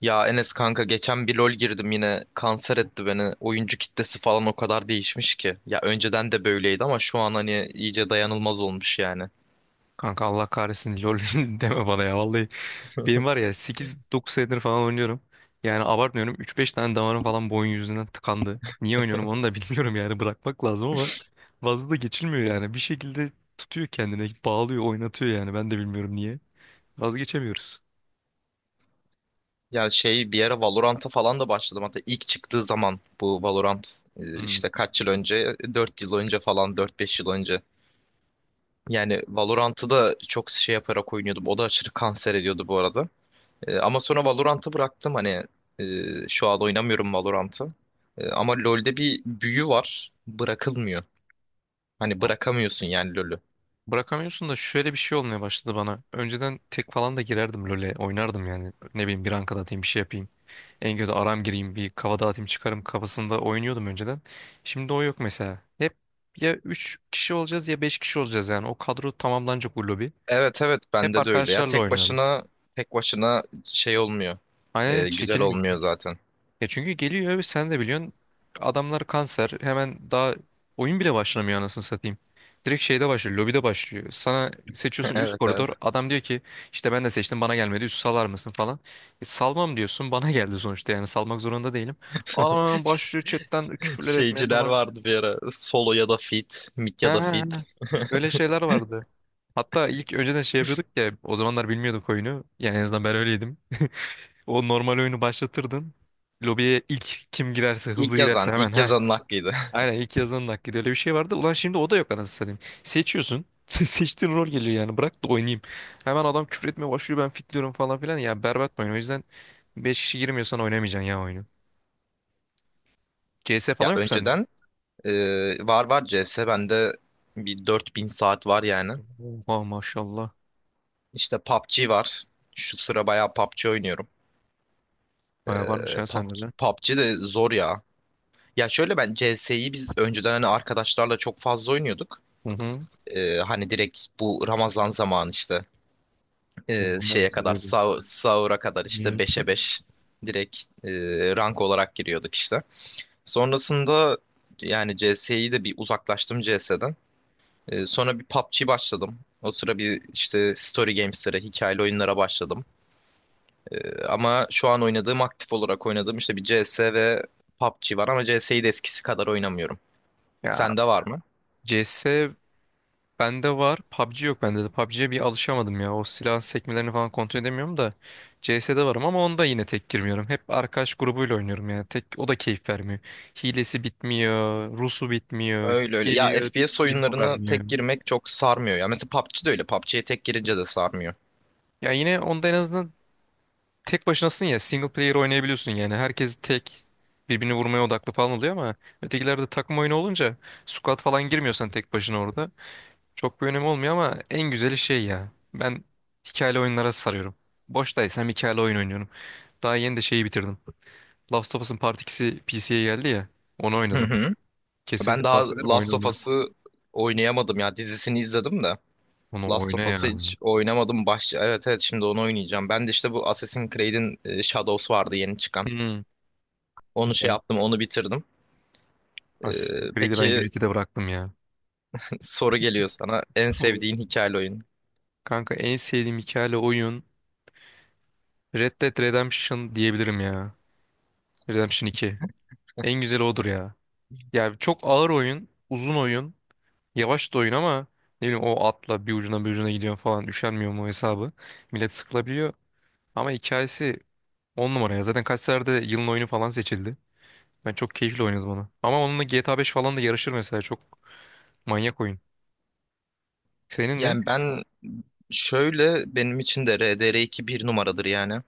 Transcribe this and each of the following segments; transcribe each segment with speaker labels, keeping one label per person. Speaker 1: Ya Enes kanka geçen bir LoL girdim yine kanser etti beni. Oyuncu kitlesi falan o kadar değişmiş ki. Ya önceden de böyleydi ama şu an hani iyice dayanılmaz olmuş yani.
Speaker 2: Kanka Allah kahretsin lol deme bana ya vallahi. Benim var ya sekiz dokuz senedir falan oynuyorum. Yani abartmıyorum üç beş tane damarım falan bu oyun yüzünden tıkandı. Niye oynuyorum onu da bilmiyorum yani bırakmak lazım ama vazı da geçilmiyor yani. Bir şekilde tutuyor kendine bağlıyor oynatıyor yani ben de bilmiyorum niye. Vazgeçemiyoruz.
Speaker 1: Ya şey bir ara Valorant'a falan da başladım. Hatta ilk çıktığı zaman bu Valorant
Speaker 2: Hmm.
Speaker 1: işte kaç yıl önce? 4 yıl önce falan, dört beş yıl önce. Yani Valorant'ı da çok şey yaparak oynuyordum. O da aşırı kanser ediyordu bu arada. Ama sonra Valorant'ı bıraktım hani e, şu an oynamıyorum Valorant'ı. Ama LoL'de bir büyü var. Bırakılmıyor. Hani bırakamıyorsun yani LoL'ü.
Speaker 2: Bırakamıyorsun da şöyle bir şey olmaya başladı bana. Önceden tek falan da girerdim LoL'e oynardım yani. Ne bileyim bir rank atayım bir şey yapayım. En kötü aram gireyim bir kafa dağıtayım çıkarım kafasında oynuyordum önceden. Şimdi o yok mesela. Hep ya 3 kişi olacağız ya 5 kişi olacağız yani. O kadro tamamlanacak bu lobi.
Speaker 1: Evet evet,
Speaker 2: Hep
Speaker 1: bende de öyle ya.
Speaker 2: arkadaşlarla
Speaker 1: Tek
Speaker 2: oynuyorum.
Speaker 1: başına tek başına şey olmuyor.
Speaker 2: Aynen
Speaker 1: Güzel
Speaker 2: çekilmiyor.
Speaker 1: olmuyor zaten.
Speaker 2: Ya çünkü geliyor ve sen de biliyorsun adamlar kanser, hemen daha oyun bile başlamıyor anasını satayım. Direkt şeyde başlıyor, lobide başlıyor. Sana seçiyorsun üst
Speaker 1: Evet evet.
Speaker 2: koridor, adam diyor ki işte ben de seçtim bana gelmedi, üst salar mısın falan. E, salmam diyorsun bana geldi sonuçta yani, salmak zorunda değilim. Adam hemen başlıyor chatten küfürler etmeye
Speaker 1: Şeyciler
Speaker 2: falan.
Speaker 1: vardı bir ara. Solo ya da fit, mid
Speaker 2: He he
Speaker 1: ya da fit.
Speaker 2: he, öyle şeyler vardı. Hatta ilk önceden şey yapıyorduk ya, o zamanlar bilmiyorduk oyunu. Yani en azından ben öyleydim. O normal oyunu başlatırdın. Lobiye ilk kim girerse, hızlı girerse hemen
Speaker 1: İlk
Speaker 2: heh
Speaker 1: yazanın hakkıydı.
Speaker 2: Aynen, ilk yazanın hakkıydı, öyle bir şey vardı. Ulan şimdi o da yok anasını satayım. Seçiyorsun. Seçtiğin rol geliyor yani, bırak da oynayayım. Hemen adam küfür etmeye başlıyor, ben fitliyorum falan filan. Ya berbat bir oyun. O yüzden 5 kişi girmiyorsan oynamayacaksın ya oyunu. CS falan
Speaker 1: Ya
Speaker 2: yok mu sende?
Speaker 1: önceden e, var C S bende. Bir 4.000 saat var yani.
Speaker 2: Oha maşallah.
Speaker 1: İşte PUBG var. Şu sıra bayağı PUBG oynuyorum.
Speaker 2: Baya varmış
Speaker 1: E,
Speaker 2: ya sende
Speaker 1: PUBG,
Speaker 2: de.
Speaker 1: PUBG de zor ya. Ya şöyle, ben CS'yi biz önceden hani arkadaşlarla çok fazla oynuyorduk.
Speaker 2: Hı hı.
Speaker 1: Hani direkt bu Ramazan zamanı işte
Speaker 2: Onlar
Speaker 1: şeye kadar
Speaker 2: sarıyor.
Speaker 1: sahura kadar işte beşe 5 direkt e, rank olarak giriyorduk işte. Sonrasında yani CS'yi de bir uzaklaştım CS'den. Sonra bir PUBG başladım. O sıra bir işte story games'lere, hikayeli oyunlara başladım. Ama şu an oynadığım, aktif olarak oynadığım işte bir CS ve PUBG var ama CS'yi de eskisi kadar oynamıyorum.
Speaker 2: Ya,
Speaker 1: Sende var mı?
Speaker 2: CS bende var. PUBG yok bende de. PUBG'ye bir alışamadım ya. O silahın sekmelerini falan kontrol edemiyorum da. CS'de varım ama onda yine tek girmiyorum. Hep arkadaş grubuyla oynuyorum yani. Tek o da keyif vermiyor. Hilesi bitmiyor, Rusu bitmiyor,
Speaker 1: Öyle öyle. Ya
Speaker 2: geliyor,
Speaker 1: FPS
Speaker 2: info
Speaker 1: oyunlarına
Speaker 2: vermiyor.
Speaker 1: tek girmek çok sarmıyor ya. Mesela PUBG de öyle. PUBG'ye tek girince de sarmıyor.
Speaker 2: Ya yine onda en azından tek başınasın ya. Single player oynayabiliyorsun yani. Herkes tek birbirini vurmaya odaklı falan oluyor ama ötekilerde takım oyunu olunca, squad falan girmiyorsan tek başına orada. Çok bir önemi olmuyor ama en güzeli şey ya. Ben hikayeli oyunlara sarıyorum. Boştaysam hikayeli oyun oynuyorum. Daha yeni de şeyi bitirdim. Last of Us'ın Part 2'si PC'ye geldi ya. Onu
Speaker 1: Hı
Speaker 2: oynadım.
Speaker 1: hı.
Speaker 2: Kesinlikle
Speaker 1: Ben daha
Speaker 2: tavsiye ederim
Speaker 1: Last
Speaker 2: oyunu,
Speaker 1: of
Speaker 2: onu.
Speaker 1: Us'ı oynayamadım ya. Dizisini izledim de.
Speaker 2: Onu
Speaker 1: Last
Speaker 2: oyna
Speaker 1: of Us'ı
Speaker 2: ya.
Speaker 1: hiç oynamadım. Evet evet, şimdi onu oynayacağım. Ben de işte bu Assassin's Creed'in Shadows vardı yeni çıkan.
Speaker 2: Hmm.
Speaker 1: Onu şey
Speaker 2: Güzel.
Speaker 1: yaptım, onu bitirdim.
Speaker 2: Assassin's Creed'i ben
Speaker 1: Peki,
Speaker 2: Unity'de bıraktım ya.
Speaker 1: soru geliyor sana. En
Speaker 2: Olur.
Speaker 1: sevdiğin hikayeli oyun?
Speaker 2: Kanka en sevdiğim hikayeli oyun Red Dead Redemption diyebilirim ya. Redemption 2. En güzeli odur ya. Ya çok ağır oyun, uzun oyun. Yavaş da oyun ama ne bileyim, o atla bir ucuna bir ucuna gidiyor falan, üşenmiyor mu hesabı. Millet sıkılabiliyor ama hikayesi on numara ya. Zaten kaç seferde yılın oyunu falan seçildi. Ben çok keyifli oynadım onu. Ama onunla GTA 5 falan da yarışır mesela, çok manyak oyun. Senin ne?
Speaker 1: Yani ben şöyle, benim için de RDR2 bir numaradır yani.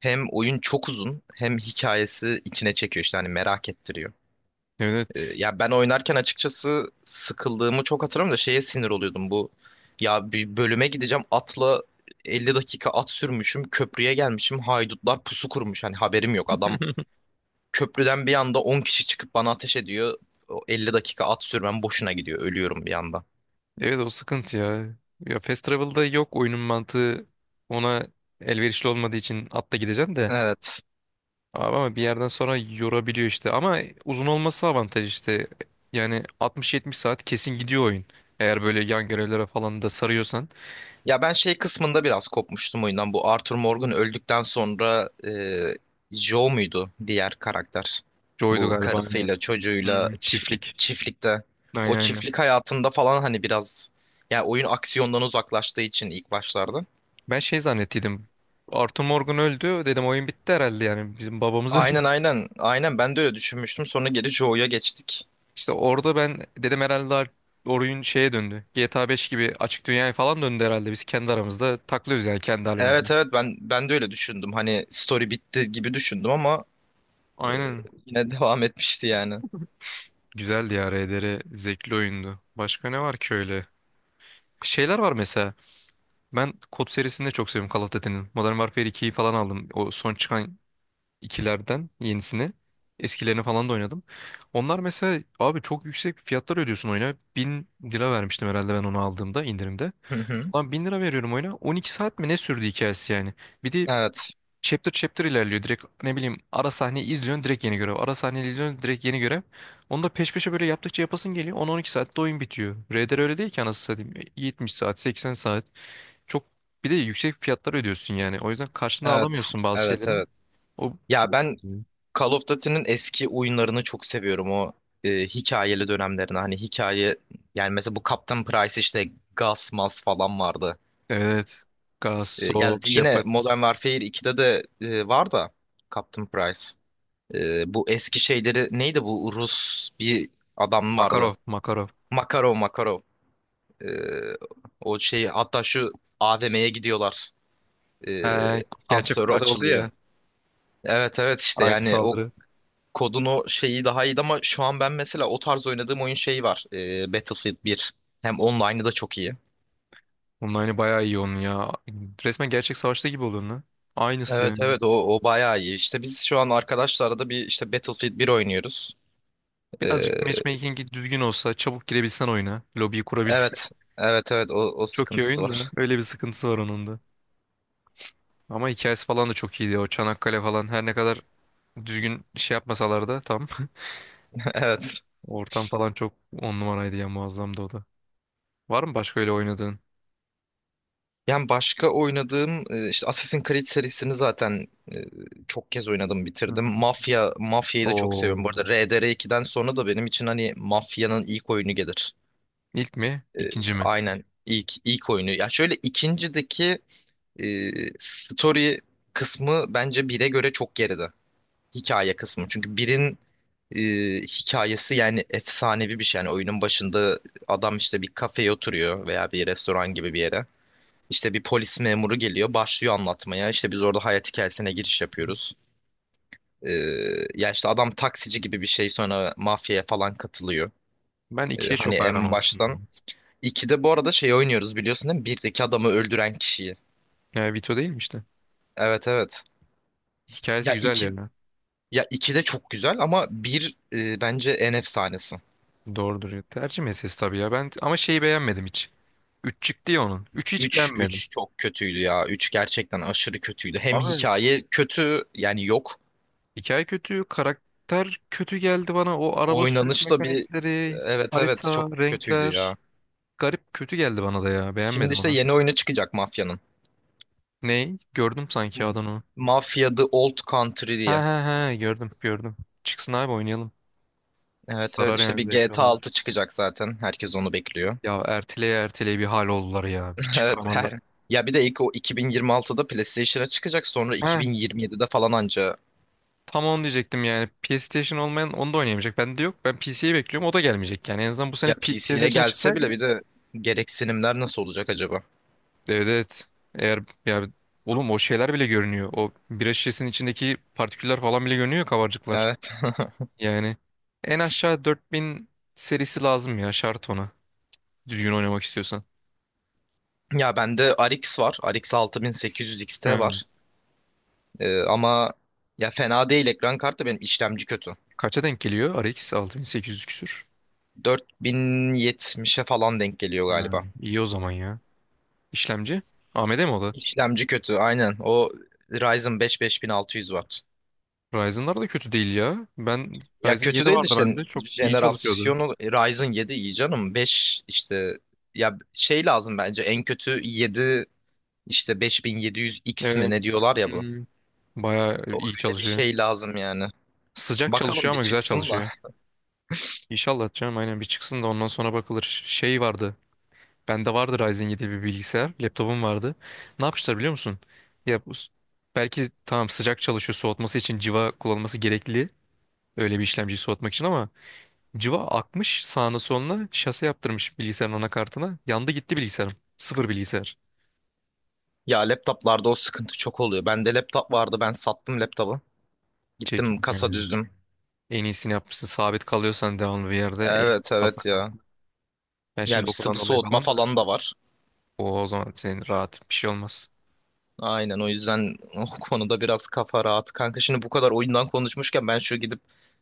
Speaker 1: Hem oyun çok uzun hem hikayesi içine çekiyor işte hani merak ettiriyor.
Speaker 2: Evet.
Speaker 1: Ya ben oynarken açıkçası sıkıldığımı çok hatırlamıyorum da şeye sinir oluyordum bu. Ya bir bölüme gideceğim, atla 50 dakika at sürmüşüm, köprüye gelmişim, haydutlar pusu kurmuş, hani haberim yok, adam köprüden bir anda 10 kişi çıkıp bana ateş ediyor. O 50 dakika at sürmem boşuna gidiyor, ölüyorum bir anda.
Speaker 2: Evet, o sıkıntı ya. Ya Fast Travel'da yok, oyunun mantığı ona elverişli olmadığı için atla gideceksin de.
Speaker 1: Evet.
Speaker 2: Abi ama bir yerden sonra yorabiliyor işte. Ama uzun olması avantaj işte. Yani 60-70 saat kesin gidiyor oyun. Eğer böyle yan görevlere falan da sarıyorsan.
Speaker 1: Ya ben şey kısmında biraz kopmuştum oyundan. Bu Arthur Morgan öldükten sonra Joe muydu diğer karakter?
Speaker 2: Joy'du
Speaker 1: Bu
Speaker 2: galiba, aynen.
Speaker 1: karısıyla çocuğuyla
Speaker 2: Hmm, çiftlik.
Speaker 1: çiftlikte. O
Speaker 2: Aynen, aynen.
Speaker 1: çiftlik hayatında falan hani biraz, ya oyun aksiyondan uzaklaştığı için ilk başlarda.
Speaker 2: Ben şey zannettiydim. Arthur Morgan öldü. Dedim oyun bitti herhalde yani. Bizim babamız öldü.
Speaker 1: Aynen aynen aynen, ben de öyle düşünmüştüm. Sonra geri Joe'ya geçtik.
Speaker 2: İşte orada ben dedim herhalde oyun şeye döndü. GTA 5 gibi açık dünyaya falan döndü herhalde. Biz kendi aramızda taklıyoruz yani, kendi halimizde.
Speaker 1: Evet evet, ben de öyle düşündüm. Hani story bitti gibi düşündüm ama
Speaker 2: Aynen.
Speaker 1: yine devam etmişti yani.
Speaker 2: Güzeldi ya RDR. Zevkli oyundu. Başka ne var ki öyle? Şeyler var mesela. Ben kod serisini de çok seviyorum, Call of Duty'nin. Modern Warfare 2'yi falan aldım. O son çıkan ikilerden yenisini. Eskilerini falan da oynadım. Onlar mesela abi çok yüksek fiyatlar ödüyorsun oyuna. 1.000 lira vermiştim herhalde ben onu aldığımda, indirimde.
Speaker 1: Hı hı.
Speaker 2: Lan 1.000 lira veriyorum oyuna. 12 saat mi ne sürdü hikayesi yani. Bir de
Speaker 1: Evet.
Speaker 2: chapter chapter ilerliyor, direkt ne bileyim ara sahneyi izliyorsun direkt yeni görev, ara sahneyi izliyorsun direkt yeni görev, onu da peş peşe böyle yaptıkça yapasın geliyor, 10-12 saatte oyun bitiyor. RDR öyle değil ki anasını satayım, 70 saat 80 saat. Çok, bir de yüksek fiyatlar ödüyorsun yani, o yüzden karşına
Speaker 1: Evet,
Speaker 2: alamıyorsun bazı
Speaker 1: evet,
Speaker 2: şeylerin,
Speaker 1: evet.
Speaker 2: o
Speaker 1: Ya
Speaker 2: sinir
Speaker 1: ben
Speaker 2: bozucu.
Speaker 1: Call of Duty'nin eski oyunlarını çok seviyorum. O hikayeli dönemlerini. Hani hikaye yani mesela bu Captain Price, işte Gas Mas falan vardı.
Speaker 2: Evet.
Speaker 1: Ya
Speaker 2: Gassop
Speaker 1: yine
Speaker 2: Shepard.
Speaker 1: Modern Warfare 2'de de var da, Captain Price. Bu eski şeyleri neydi, bu Rus bir adam vardı.
Speaker 2: Makarov, Makarov.
Speaker 1: Makarov Makarov. E, O şeyi, hatta şu AVM'ye gidiyorlar. E,
Speaker 2: He, gerçek
Speaker 1: Asansörü
Speaker 2: kıtada oldu
Speaker 1: açılıyor.
Speaker 2: ya,
Speaker 1: Evet evet, işte
Speaker 2: aynı
Speaker 1: yani o
Speaker 2: saldırı.
Speaker 1: Kodun o şeyi daha iyiydi ama şu an ben mesela o tarz oynadığım oyun şeyi var. Battlefield bir. Hem online'ı da çok iyi.
Speaker 2: Onun aynı bayağı iyi onun ya, resmen gerçek savaşta gibi oluyor lan, aynısı
Speaker 1: Evet
Speaker 2: yani.
Speaker 1: evet, o bayağı iyi. İşte biz şu an arkadaşlarla da bir işte Battlefield bir oynuyoruz. Ee,
Speaker 2: Birazcık matchmaking'i düzgün olsa, çabuk girebilsen oyuna, lobiyi kurabilsen.
Speaker 1: evet evet evet, o
Speaker 2: Çok iyi
Speaker 1: sıkıntısı
Speaker 2: oyun da
Speaker 1: var.
Speaker 2: öyle bir sıkıntısı var onun da. Ama hikayesi falan da çok iyiydi, o Çanakkale falan, her ne kadar düzgün şey yapmasalar da tam.
Speaker 1: Evet.
Speaker 2: Ortam falan çok on numaraydı ya, muazzamdı o da. Var mı başka öyle oynadığın?
Speaker 1: Yani başka oynadığım işte Assassin's Creed serisini zaten e, çok kez oynadım,
Speaker 2: Hı
Speaker 1: bitirdim.
Speaker 2: hı.
Speaker 1: Mafya'yı da çok
Speaker 2: Oo.
Speaker 1: seviyorum. Bu arada RDR2'den sonra da benim için hani Mafya'nın ilk oyunu gelir.
Speaker 2: İlk mi?
Speaker 1: E,
Speaker 2: İkinci mi?
Speaker 1: aynen, ilk oyunu. Ya şöyle, ikincideki e, story kısmı bence bire göre çok geride. Hikaye kısmı. Çünkü birin e, hikayesi yani efsanevi bir şey. Yani oyunun başında adam işte bir kafeye oturuyor veya bir restoran gibi bir yere. İşte bir polis memuru geliyor, başlıyor anlatmaya. İşte biz orada hayat hikayesine giriş
Speaker 2: Hı hı.
Speaker 1: yapıyoruz. E, Ya işte adam taksici gibi bir şey, sonra mafyaya falan katılıyor.
Speaker 2: Ben ikiye
Speaker 1: Hani
Speaker 2: çok hayran
Speaker 1: en
Speaker 2: olmuştum yani.
Speaker 1: baştan. 2'de bu arada şey oynuyoruz biliyorsun değil mi? Birdeki adamı öldüren kişiyi.
Speaker 2: Vito değil mi işte?
Speaker 1: Evet evet.
Speaker 2: Hikayesi
Speaker 1: Ya
Speaker 2: güzel
Speaker 1: 2
Speaker 2: yani.
Speaker 1: Ya 2 de çok güzel ama bir, bence en efsanesi.
Speaker 2: Doğrudur ya. Tercih meselesi tabii ya. Ben ama şeyi beğenmedim hiç. Üç çıktı ya onun. Üçü hiç
Speaker 1: Üç
Speaker 2: beğenmedim.
Speaker 1: üç çok kötüydü ya. Üç gerçekten aşırı kötüydü. Hem
Speaker 2: Abi,
Speaker 1: hikaye kötü, yani yok.
Speaker 2: hikaye kötü, karakter kötü geldi bana. O araba, evet, sürük
Speaker 1: Oynanış da bir
Speaker 2: mekanikleri,
Speaker 1: evet
Speaker 2: harita,
Speaker 1: evet, çok kötüydü
Speaker 2: renkler.
Speaker 1: ya.
Speaker 2: Garip kötü geldi bana da ya.
Speaker 1: Şimdi
Speaker 2: Beğenmedim
Speaker 1: işte
Speaker 2: onu.
Speaker 1: yeni oyunu çıkacak Mafya'nın.
Speaker 2: Ney? Gördüm sanki adını.
Speaker 1: Mafya The Old Country
Speaker 2: Ha
Speaker 1: diye.
Speaker 2: ha ha, gördüm, gördüm. Çıksın abi oynayalım.
Speaker 1: Evet evet,
Speaker 2: Sarar
Speaker 1: işte bir
Speaker 2: yani, zevkli
Speaker 1: GTA
Speaker 2: olabilir.
Speaker 1: 6 çıkacak zaten. Herkes onu bekliyor.
Speaker 2: Ya erteleye erteleye bir hal oldular ya. Bir
Speaker 1: Evet
Speaker 2: çıkaramadılar.
Speaker 1: her. Ya bir de ilk o 2026'da PlayStation'a çıkacak, sonra
Speaker 2: Ha,
Speaker 1: 2027'de falan anca
Speaker 2: tam onu diyecektim yani. PlayStation olmayan onu da oynayamayacak. Bende de yok. Ben PC'yi bekliyorum. O da gelmeyecek yani. En azından bu sene
Speaker 1: ya PC'ye
Speaker 2: PlayStation'a
Speaker 1: gelse bile
Speaker 2: çıksaydı.
Speaker 1: bir de, gereksinimler nasıl olacak acaba?
Speaker 2: Evet, evet. Eğer, ya oğlum o şeyler bile görünüyor. O bira şişesinin içindeki partiküller falan bile görünüyor, kabarcıklar.
Speaker 1: Evet.
Speaker 2: Yani en aşağı 4000 serisi lazım ya, şart ona. Düzgün oynamak istiyorsan.
Speaker 1: Ya bende RX var. RX 6800 XT
Speaker 2: Hmm.
Speaker 1: var. Ama, ya fena değil ekran kartı, benim işlemci kötü.
Speaker 2: Kaça denk geliyor? RX 6800 küsür.
Speaker 1: 4070'e falan denk geliyor
Speaker 2: Hmm.
Speaker 1: galiba.
Speaker 2: İyi o zaman ya. İşlemci? AMD mi o da?
Speaker 1: İşlemci kötü aynen. O Ryzen 5 5600 var.
Speaker 2: Ryzen'lar da kötü değil ya. Ben
Speaker 1: Ya
Speaker 2: Ryzen
Speaker 1: kötü
Speaker 2: 7
Speaker 1: değil de
Speaker 2: vardı
Speaker 1: işte
Speaker 2: bende. Çok iyi çalışıyordu.
Speaker 1: jenerasyonu. Ryzen 7 iyi canım. 5 işte Ya şey lazım, bence en kötü 7, işte 5700X mi
Speaker 2: Evet.
Speaker 1: ne diyorlar ya bu.
Speaker 2: Hmm. Bayağı
Speaker 1: O
Speaker 2: iyi
Speaker 1: Öyle bir
Speaker 2: çalışıyor.
Speaker 1: şey lazım yani.
Speaker 2: Sıcak
Speaker 1: Bakalım
Speaker 2: çalışıyor
Speaker 1: bir
Speaker 2: ama güzel
Speaker 1: çıksın da.
Speaker 2: çalışıyor. İnşallah canım, aynen, bir çıksın da ondan sonra bakılır. Şey vardı. Bende vardı Ryzen 7 bir bilgisayar. Laptopum vardı. Ne yapmışlar biliyor musun? Ya bu, belki tamam sıcak çalışıyor, soğutması için civa kullanılması gerekli. Öyle bir işlemciyi soğutmak için, ama civa akmış sağına soluna, şase yaptırmış bilgisayarın anakartına. Yandı gitti bilgisayarım. Sıfır bilgisayar.
Speaker 1: Ya laptoplarda o sıkıntı çok oluyor. Bende laptop vardı, ben sattım laptopu. Gittim kasa
Speaker 2: Çekilmiyor.
Speaker 1: düzdüm.
Speaker 2: En iyisini yapmışsın. Sabit kalıyorsan devamlı bir yerde en iyisi,
Speaker 1: Evet
Speaker 2: kalsa
Speaker 1: evet ya.
Speaker 2: kanka. Ben
Speaker 1: Ya
Speaker 2: şimdi
Speaker 1: bir
Speaker 2: okuldan
Speaker 1: sıvı
Speaker 2: dolayı
Speaker 1: soğutma
Speaker 2: falan da
Speaker 1: falan da var.
Speaker 2: o zaman senin rahat bir şey olmaz.
Speaker 1: Aynen, o yüzden o konuda biraz kafa rahat. Kanka, şimdi bu kadar oyundan konuşmuşken, ben şu gidip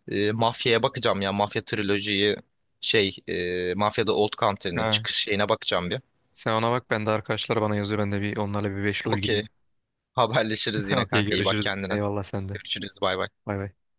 Speaker 1: Mafya'ya bakacağım ya. Mafya trilojiyi Şey, Mafya'da Old Country'nin
Speaker 2: Ha,
Speaker 1: çıkış şeyine bakacağım bir.
Speaker 2: sen ona bak, ben de arkadaşlar bana yazıyor. Ben de bir onlarla bir beşli ol gideyim.
Speaker 1: Okey. Haberleşiriz yine
Speaker 2: Okey,
Speaker 1: kanka. İyi bak
Speaker 2: görüşürüz.
Speaker 1: kendine.
Speaker 2: Eyvallah sen de.
Speaker 1: Görüşürüz. Bay bay.
Speaker 2: Bay bay.